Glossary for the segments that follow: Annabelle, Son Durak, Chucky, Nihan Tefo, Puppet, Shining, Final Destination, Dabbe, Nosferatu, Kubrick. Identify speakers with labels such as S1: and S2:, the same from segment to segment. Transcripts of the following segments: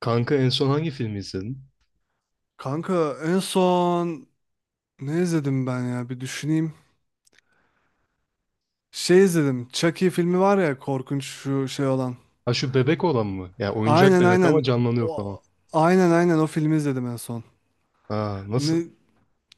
S1: Kanka en son hangi filmi izledin?
S2: Kanka en son ne izledim ben ya bir düşüneyim. Şey izledim. Chucky filmi var ya korkunç şu şey olan.
S1: Ha şu bebek olan mı? Ya oyuncak
S2: Aynen
S1: bebek ama
S2: aynen.
S1: canlanıyor falan.
S2: O, aynen aynen o filmi izledim en son.
S1: Ha nasıl?
S2: Ne,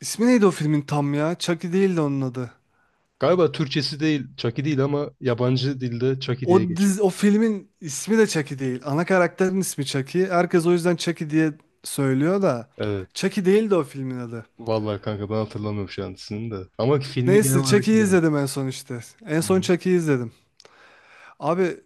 S2: ismi neydi o filmin tam ya? Chucky değildi onun adı.
S1: Galiba Türkçesi değil, Chucky değil ama yabancı dilde Chucky diye geçiyor.
S2: O filmin ismi de Chucky değil. Ana karakterin ismi Chucky. Herkes o yüzden Chucky diye söylüyor da.
S1: Evet.
S2: Chucky değildi o filmin adı.
S1: Vallahi kanka ben hatırlamıyorum şu an ismini de. Ama filmi genel
S2: Neyse
S1: olarak
S2: Chucky'yi
S1: biliyorum.
S2: izledim en son işte. En
S1: Hı
S2: son
S1: hı.
S2: Chucky'yi izledim. Abi,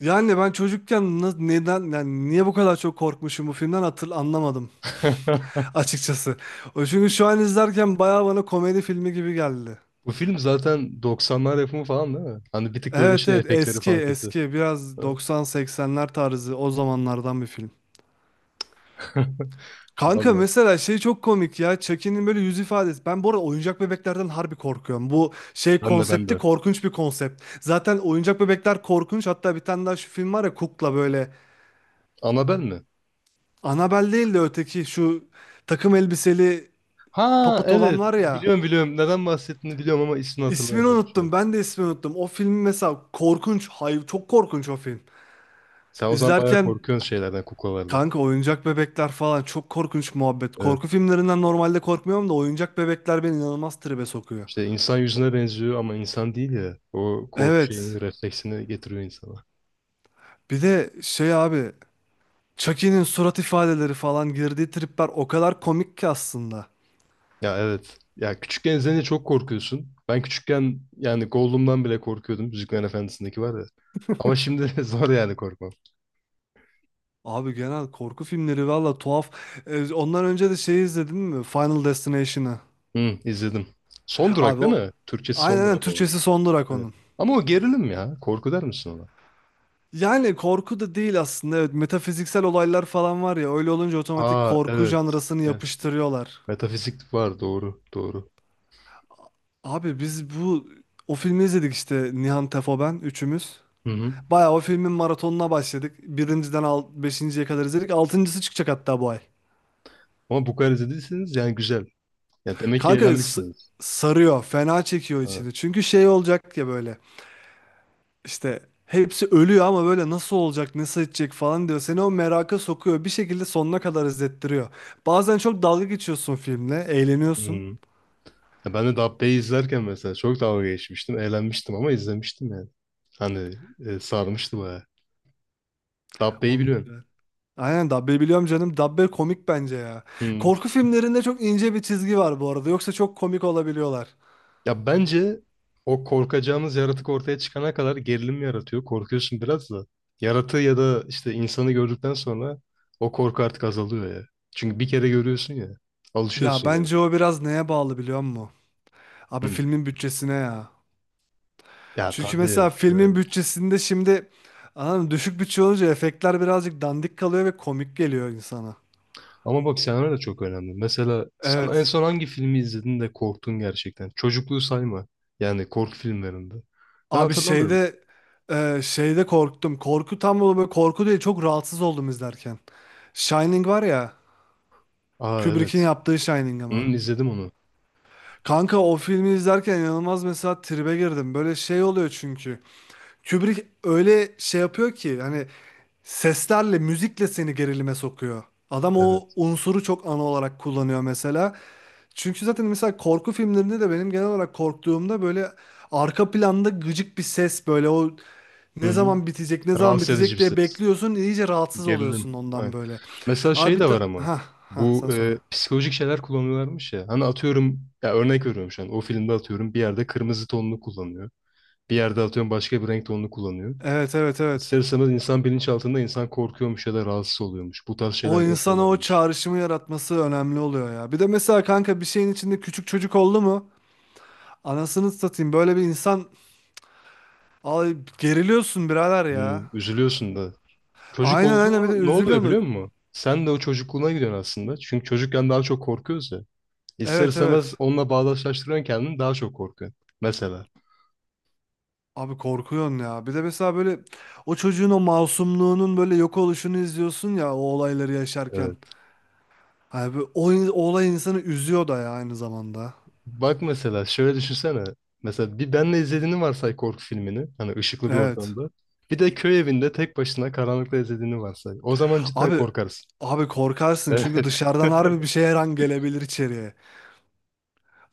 S2: yani ben çocukken neden yani niye bu kadar çok korkmuşum bu filmden anlamadım açıkçası. O çünkü şu an izlerken bayağı bana komedi filmi gibi geldi.
S1: Bu film zaten 90'lar yapımı falan değil mi? Hani bir tık böyle
S2: Evet
S1: şey
S2: evet,
S1: efektleri
S2: eski
S1: falan kötü.
S2: eski
S1: Ha.
S2: biraz 90-80'ler tarzı o zamanlardan bir film. Kanka
S1: Vallahi.
S2: mesela şey çok komik ya, Chucky'nin böyle yüz ifadesi. Ben bu arada oyuncak bebeklerden harbi korkuyorum. Bu şey
S1: Ben de ben
S2: konsepti
S1: de.
S2: korkunç bir konsept. Zaten oyuncak bebekler korkunç, hatta bir tane daha şu film var ya, Kukla böyle.
S1: Annabelle mi?
S2: Annabelle değil de öteki şu takım elbiseli
S1: Ha
S2: Puppet olan
S1: evet.
S2: var ya.
S1: Biliyorum biliyorum. Neden bahsettiğini biliyorum ama ismini
S2: İsmini
S1: hatırlayamıyorum şu an.
S2: unuttum. Ben de ismini unuttum. O film mesela korkunç. Hayır, çok korkunç o film.
S1: Sen o zaman bayağı
S2: İzlerken
S1: korkuyorsun şeylerden, kuklalardan.
S2: kanka oyuncak bebekler falan çok korkunç muhabbet.
S1: Evet.
S2: Korku filmlerinden normalde korkmuyorum da oyuncak bebekler beni inanılmaz tribe sokuyor.
S1: İşte insan yüzüne benziyor ama insan değil ya. O korku
S2: Evet.
S1: şeyini, refleksini getiriyor insana.
S2: Bir de şey abi, Chucky'nin surat ifadeleri falan girdiği tripler o kadar komik ki aslında.
S1: Ya evet. Ya küçükken izleyince çok korkuyorsun. Ben küçükken yani Gollum'dan bile korkuyordum. Yüzüklerin Efendisi'ndeki var ya. Ama şimdi zor yani korkmam.
S2: Abi genel korku filmleri valla tuhaf. Ondan önce de şeyi izledin mi? Final Destination'ı.
S1: Hı, izledim. Son durak
S2: Abi
S1: değil
S2: o
S1: mi? Türkçesi
S2: aynen
S1: son
S2: aynen
S1: durak olan.
S2: Türkçesi Son Durak
S1: Evet.
S2: onun.
S1: Ama o gerilim ya. Korku der misin ona?
S2: Yani korku da değil aslında. Evet, metafiziksel olaylar falan var ya. Öyle olunca otomatik
S1: Aa
S2: korku
S1: evet.
S2: janrasını
S1: Gerçi.
S2: yapıştırıyorlar.
S1: Metafizik var. Doğru. Doğru.
S2: Abi biz o filmi izledik işte, Nihan Tefo ben üçümüz.
S1: Hı hı.
S2: Bayağı o filmin maratonuna başladık. Birinciden al, beşinciye kadar izledik. Altıncısı çıkacak hatta bu ay.
S1: Ama bu kadar izlediyseniz yani güzel. Ya demek ki
S2: Kanka
S1: eğlenmişsiniz.
S2: sarıyor. Fena çekiyor
S1: Ha.
S2: içini. Çünkü şey olacak ya böyle. İşte hepsi ölüyor ama böyle nasıl olacak, nasıl edecek falan diyor. Seni o meraka sokuyor. Bir şekilde sonuna kadar izlettiriyor. Bazen çok dalga geçiyorsun filmle, eğleniyorsun.
S1: Hmm. Ya ben de Dabbe'yi izlerken mesela çok dalga geçmiştim. Eğlenmiştim ama izlemiştim yani. Hani sarmıştı bayağı. Dabbe'yi
S2: Oğlum
S1: biliyorum.
S2: güzel. Aynen, Dabbe biliyorum canım. Dabbe komik bence ya.
S1: Hmm.
S2: Korku filmlerinde çok ince bir çizgi var bu arada. Yoksa çok komik olabiliyorlar.
S1: Ya bence o korkacağımız yaratık ortaya çıkana kadar gerilim yaratıyor. Korkuyorsun biraz da. Yaratığı ya da işte insanı gördükten sonra o korku artık azalıyor ya. Çünkü bir kere görüyorsun ya.
S2: Ya
S1: Alışıyorsun yani.
S2: bence o biraz neye bağlı biliyor musun? Abi
S1: Hmm.
S2: filmin bütçesine ya.
S1: Ya
S2: Çünkü
S1: tabii.
S2: mesela
S1: Evet.
S2: filmin bütçesinde şimdi anladın mı? Düşük bütçe olunca efektler birazcık dandik kalıyor ve komik geliyor insana.
S1: Ama bak senaryo da çok önemli. Mesela sen en
S2: Evet.
S1: son hangi filmi izledin de korktun gerçekten? Çocukluğu sayma. Yani korku filmlerinde. Ben
S2: Abi
S1: hatırlamıyorum.
S2: şeyde korktum. Korku tam böyle korku değil, çok rahatsız oldum izlerken. Shining var ya,
S1: Aa
S2: Kubrick'in
S1: evet.
S2: yaptığı Shining
S1: Hı,
S2: ama.
S1: izledim onu.
S2: Kanka o filmi izlerken inanılmaz mesela tribe girdim. Böyle şey oluyor çünkü. Kubrick öyle şey yapıyor ki hani seslerle, müzikle seni gerilime sokuyor. Adam o
S1: Evet.
S2: unsuru çok ana olarak kullanıyor mesela. Çünkü zaten mesela korku filmlerinde de benim genel olarak korktuğumda böyle arka planda gıcık bir ses, böyle o
S1: Hı
S2: ne
S1: hı.
S2: zaman bitecek, ne zaman
S1: Rahatsız edici
S2: bitecek
S1: bir
S2: diye
S1: ses.
S2: bekliyorsun, iyice rahatsız
S1: Gerilim.
S2: oluyorsun ondan
S1: Aynen.
S2: böyle.
S1: Mesela şey
S2: Abi bir
S1: de
S2: ta
S1: var ama.
S2: ha ha
S1: Bu
S2: sen söyle.
S1: psikolojik şeyler kullanıyorlarmış ya. Hani atıyorum ya örnek veriyorum şu an. O filmde atıyorum bir yerde kırmızı tonunu kullanıyor. Bir yerde atıyorum başka bir renk tonunu kullanıyor.
S2: Evet evet evet.
S1: İster istemez insan bilinçaltında insan korkuyormuş ya da rahatsız oluyormuş. Bu tarz
S2: O
S1: şeyler de
S2: insana o
S1: yapıyorlarmış.
S2: çağrışımı yaratması önemli oluyor ya. Bir de mesela kanka bir şeyin içinde küçük çocuk oldu mu? Anasını satayım, böyle bir insan, ay geriliyorsun birader ya.
S1: Hmm, üzülüyorsun da. Çocuk
S2: Aynen
S1: oldu
S2: aynen, bir
S1: mu
S2: de
S1: ne oluyor
S2: üzülüyorsun.
S1: biliyor musun? Sen de o çocukluğuna gidiyorsun aslında. Çünkü çocukken daha çok korkuyoruz ya. İster
S2: Evet
S1: istemez
S2: evet.
S1: onunla bağdaşlaştırıyorsun kendini daha çok korkuyorsun. Mesela.
S2: Abi korkuyorsun ya. Bir de mesela böyle o çocuğun o masumluğunun böyle yok oluşunu izliyorsun ya o olayları yaşarken.
S1: Evet.
S2: Abi o olay insanı üzüyor da ya aynı zamanda.
S1: Bak mesela şöyle düşünsene. Mesela bir benle izlediğini varsay korku filmini. Hani ışıklı bir
S2: Evet.
S1: ortamda. Bir de köy evinde tek başına karanlıkta izlediğini varsay. O zaman cidden
S2: Abi
S1: korkarsın.
S2: abi korkarsın, çünkü
S1: Evet.
S2: dışarıdan harbi bir şey her an gelebilir içeriye.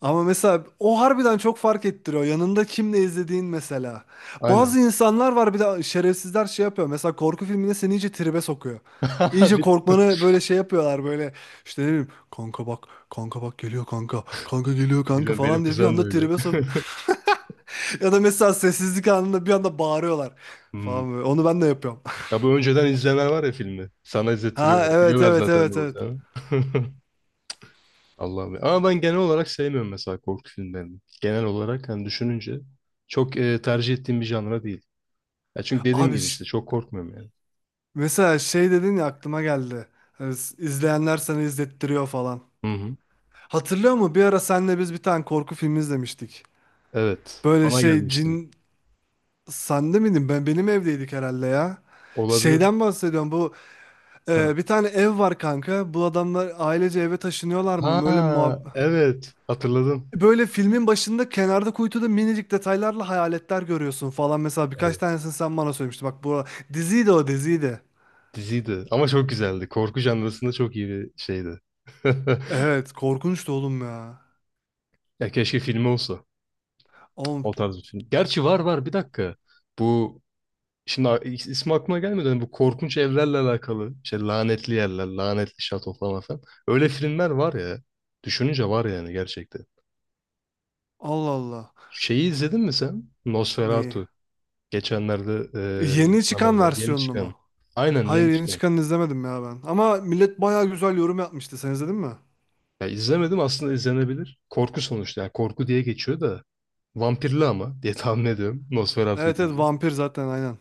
S2: Ama mesela o harbiden çok fark ettiriyor. Yanında kimle izlediğin mesela.
S1: Aynen.
S2: Bazı insanlar var, bir de şerefsizler şey yapıyor. Mesela korku filmine seni iyice tribe sokuyor. İyice korkmanı böyle şey yapıyorlar böyle. İşte ne bileyim kanka, bak kanka, bak geliyor kanka. Kanka geliyor kanka
S1: Biliyorum benim
S2: falan diye bir
S1: kuzen de
S2: anda
S1: öyle.
S2: tribe sok. Ya da mesela sessizlik anında bir anda bağırıyorlar
S1: Hmm.
S2: falan böyle. Onu ben de yapıyorum.
S1: Ya bu önceden izlemeler var ya filmi. Sana
S2: Ha
S1: izlettiriyorlar.
S2: evet
S1: Biliyorlar
S2: evet
S1: zaten ne
S2: evet evet.
S1: olacağını. Allah'ım ya. Ama ben genel olarak sevmiyorum mesela korku filmlerini. Genel olarak hani düşününce çok tercih ettiğim bir janra değil. Ya çünkü dediğim
S2: Abi
S1: gibi işte çok korkmuyorum yani.
S2: mesela şey dedin ya, aklıma geldi. Hani izleyenler sana izlettiriyor falan.
S1: Hı hı.
S2: Hatırlıyor musun? Bir ara senle biz bir tane korku filmi izlemiştik.
S1: Evet.
S2: Böyle
S1: Bana
S2: şey
S1: gelmiştim.
S2: cin, sende miydin? Benim evdeydik herhalde ya.
S1: Olabilir.
S2: Şeyden bahsediyorum.
S1: Ha.
S2: Bir tane ev var kanka. Bu adamlar ailece eve taşınıyorlar mı?
S1: Ha, evet. Hatırladım.
S2: Böyle filmin başında kenarda kuytuda minicik detaylarla hayaletler görüyorsun falan. Mesela birkaç
S1: Evet.
S2: tanesini sen bana söylemiştin. Bak bu diziydi, o diziydi.
S1: Diziydi. Ama çok güzeldi. Korku janrasında çok iyi bir şeydi.
S2: Evet korkunçtu oğlum ya.
S1: Ya keşke filmi olsa.
S2: Oğlum,
S1: O tarz bir film. Gerçi var var bir dakika. Bu Şimdi a- is- ismi aklıma gelmedi. Hani bu korkunç evlerle alakalı. İşte lanetli yerler, lanetli şato falan falan. Öyle filmler var ya. Düşününce var yani gerçekten.
S2: Allah Allah.
S1: Şeyi izledin mi sen?
S2: Neyi?
S1: Nosferatu. Geçenlerde
S2: Yeni
S1: sinemaya
S2: çıkan
S1: geldi. Yeni
S2: versiyonunu mu?
S1: çıkan. Aynen
S2: Hayır,
S1: yeni
S2: yeni
S1: çıkan.
S2: çıkanını izlemedim ya ben. Ama millet bayağı güzel yorum yapmıştı. Sen izledin mi?
S1: Ya izlemedim aslında izlenebilir. Korku sonuçta. Yani korku diye geçiyor da. Vampirli ama diye tahmin ediyorum. Nosferatu
S2: Evet evet,
S1: deyince.
S2: vampir zaten aynen.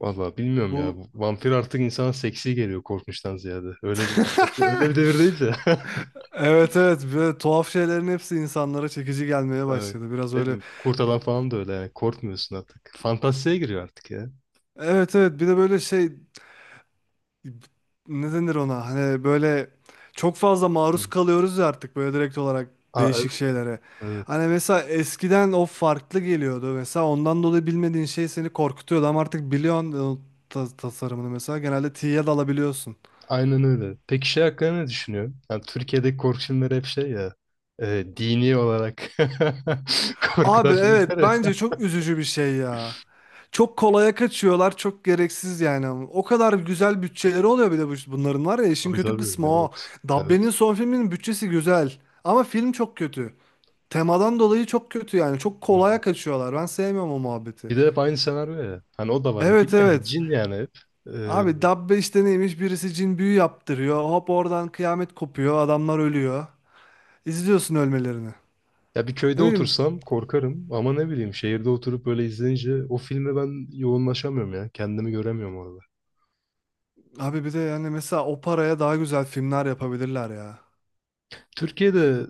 S1: Valla bilmiyorum ya.
S2: Bu
S1: Bu vampir artık insana seksi geliyor korkmuştan ziyade. Öyle bir muhabbet. Öyle bir devirdeyiz ya.
S2: Evet evet, böyle tuhaf şeylerin hepsi insanlara çekici gelmeye
S1: Evet.
S2: başladı. Biraz
S1: Değil
S2: öyle.
S1: mi? Kurt adam falan da öyle yani. Korkmuyorsun artık. Fantastiğe giriyor artık ya.
S2: Evet evet, bir de böyle şey, ne denir ona? Hani böyle çok fazla
S1: Hı.
S2: maruz kalıyoruz ya artık, böyle direkt olarak
S1: Aa,
S2: değişik
S1: evet,
S2: şeylere.
S1: evet.
S2: Hani mesela eskiden o farklı geliyordu. Mesela ondan dolayı bilmediğin şey seni korkutuyordu ama artık biliyorsun o tasarımını, mesela genelde tiye dalabiliyorsun.
S1: Aynen öyle. Peki şey hakkında ne düşünüyorsun? Yani Türkiye'deki korku filmleri hep şey ya. Dini olarak
S2: Abi
S1: korkudan
S2: evet,
S1: filmler ya.
S2: bence çok üzücü bir şey ya. Çok kolaya kaçıyorlar, çok gereksiz yani. O kadar güzel bütçeleri oluyor bir de bunların var ya, işin
S1: Tabii
S2: kötü
S1: tabii.
S2: kısmı o.
S1: Evet. Evet.
S2: Dabbe'nin son filminin bütçesi güzel ama film çok kötü. Temadan dolayı çok kötü yani. Çok
S1: Hı.
S2: kolaya kaçıyorlar. Ben sevmiyorum o muhabbeti.
S1: Bir de hep aynı senaryo ya. Hani o da var.
S2: Evet
S1: Biliyorsun ya
S2: evet.
S1: cin yani hep. Ee,
S2: Abi dabbe işte neymiş? Birisi cin büyü yaptırıyor. Hop oradan kıyamet kopuyor. Adamlar ölüyor. İzliyorsun ölmelerini.
S1: Ya bir köyde
S2: Ne bileyim
S1: otursam korkarım ama ne bileyim şehirde oturup böyle izleyince o filme ben yoğunlaşamıyorum ya. Kendimi göremiyorum orada.
S2: abi, bir de yani mesela o paraya daha güzel filmler yapabilirler ya.
S1: Türkiye'de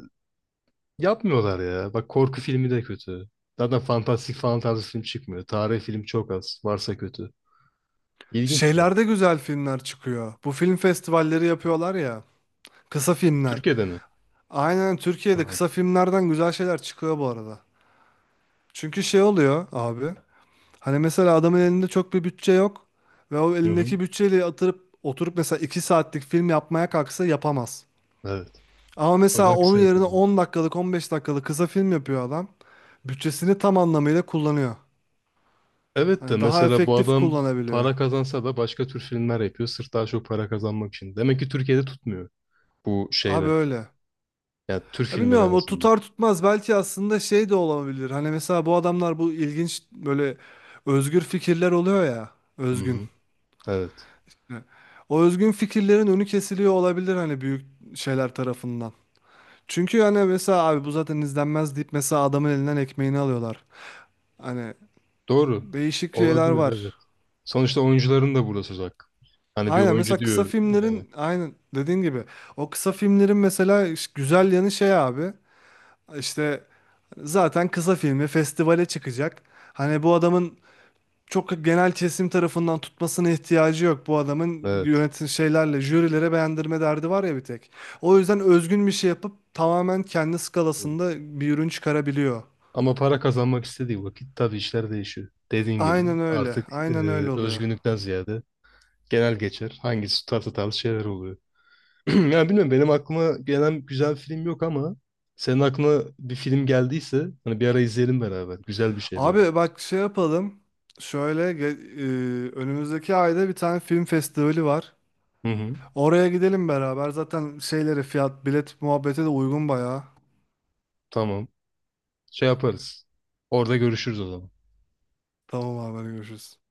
S1: yapmıyorlar ya. Bak korku filmi de kötü. Zaten fantastik falan tarzı film çıkmıyor. Tarih film çok az. Varsa kötü. İlginç yani.
S2: Şeylerde güzel filmler çıkıyor. Bu film festivalleri yapıyorlar ya. Kısa filmler.
S1: Türkiye'de mi?
S2: Aynen, Türkiye'de
S1: Ha.
S2: kısa filmlerden güzel şeyler çıkıyor bu arada. Çünkü şey oluyor abi. Hani mesela adamın elinde çok bir bütçe yok ve o
S1: Hı hı.
S2: elindeki bütçeyle atırıp oturup mesela 2 saatlik film yapmaya kalksa yapamaz.
S1: Evet.
S2: Ama
S1: O
S2: mesela
S1: yüzden
S2: onun
S1: kısa
S2: yerine
S1: yapıyorum.
S2: 10 dakikalık 15 dakikalık kısa film yapıyor adam. Bütçesini tam anlamıyla kullanıyor.
S1: Evet de
S2: Hani daha
S1: mesela bu
S2: efektif
S1: adam
S2: kullanabiliyor.
S1: para kazansa da başka tür filmler yapıyor. Sırf daha çok para kazanmak için. Demek ki Türkiye'de tutmuyor bu
S2: Abi
S1: şeyler.
S2: öyle.
S1: Yani tür
S2: Ya
S1: filmleri en
S2: bilmiyorum, o
S1: azından.
S2: tutar tutmaz belki aslında şey de olabilir. Hani mesela bu adamlar bu ilginç böyle özgür fikirler oluyor ya.
S1: Hı
S2: Özgün.
S1: hı. Evet.
S2: O özgün fikirlerin önü kesiliyor olabilir hani büyük şeyler tarafından. Çünkü hani mesela abi bu zaten izlenmez deyip mesela adamın elinden ekmeğini alıyorlar. Hani
S1: Doğru.
S2: değişik şeyler
S1: Olabilir evet.
S2: var.
S1: Sonuçta oyuncuların da burada söz hakkı. Hani bir
S2: Aynen
S1: oyuncu
S2: mesela kısa
S1: diyor yani.
S2: filmlerin, aynen dediğin gibi o kısa filmlerin mesela güzel yanı şey abi işte, zaten kısa filmi festivale çıkacak. Hani bu adamın çok genel kesim tarafından tutmasına ihtiyacı yok. Bu adamın
S1: Evet.
S2: yönetim şeylerle jürilere beğendirme derdi var ya bir tek. O yüzden özgün bir şey yapıp tamamen kendi skalasında bir ürün çıkarabiliyor.
S1: Ama para kazanmak istediği vakit tabii işler değişiyor. Dediğin gibi
S2: Aynen öyle.
S1: artık
S2: Aynen öyle oluyor.
S1: özgünlükten ziyade genel geçer. Hangisi tutar tutarlı şeyler oluyor. Yani bilmiyorum benim aklıma gelen güzel bir film yok ama senin aklına bir film geldiyse hani bir ara izleyelim beraber. Güzel bir şey böyle.
S2: Abi bak şey yapalım. Şöyle ge- Önümüzdeki ayda bir tane film festivali var.
S1: Hı hı.
S2: Oraya gidelim beraber. Zaten şeyleri fiyat bilet muhabbeti de uygun bayağı.
S1: Tamam. Şey yaparız. Orada görüşürüz o zaman.
S2: Tamam abi, hadi görüşürüz.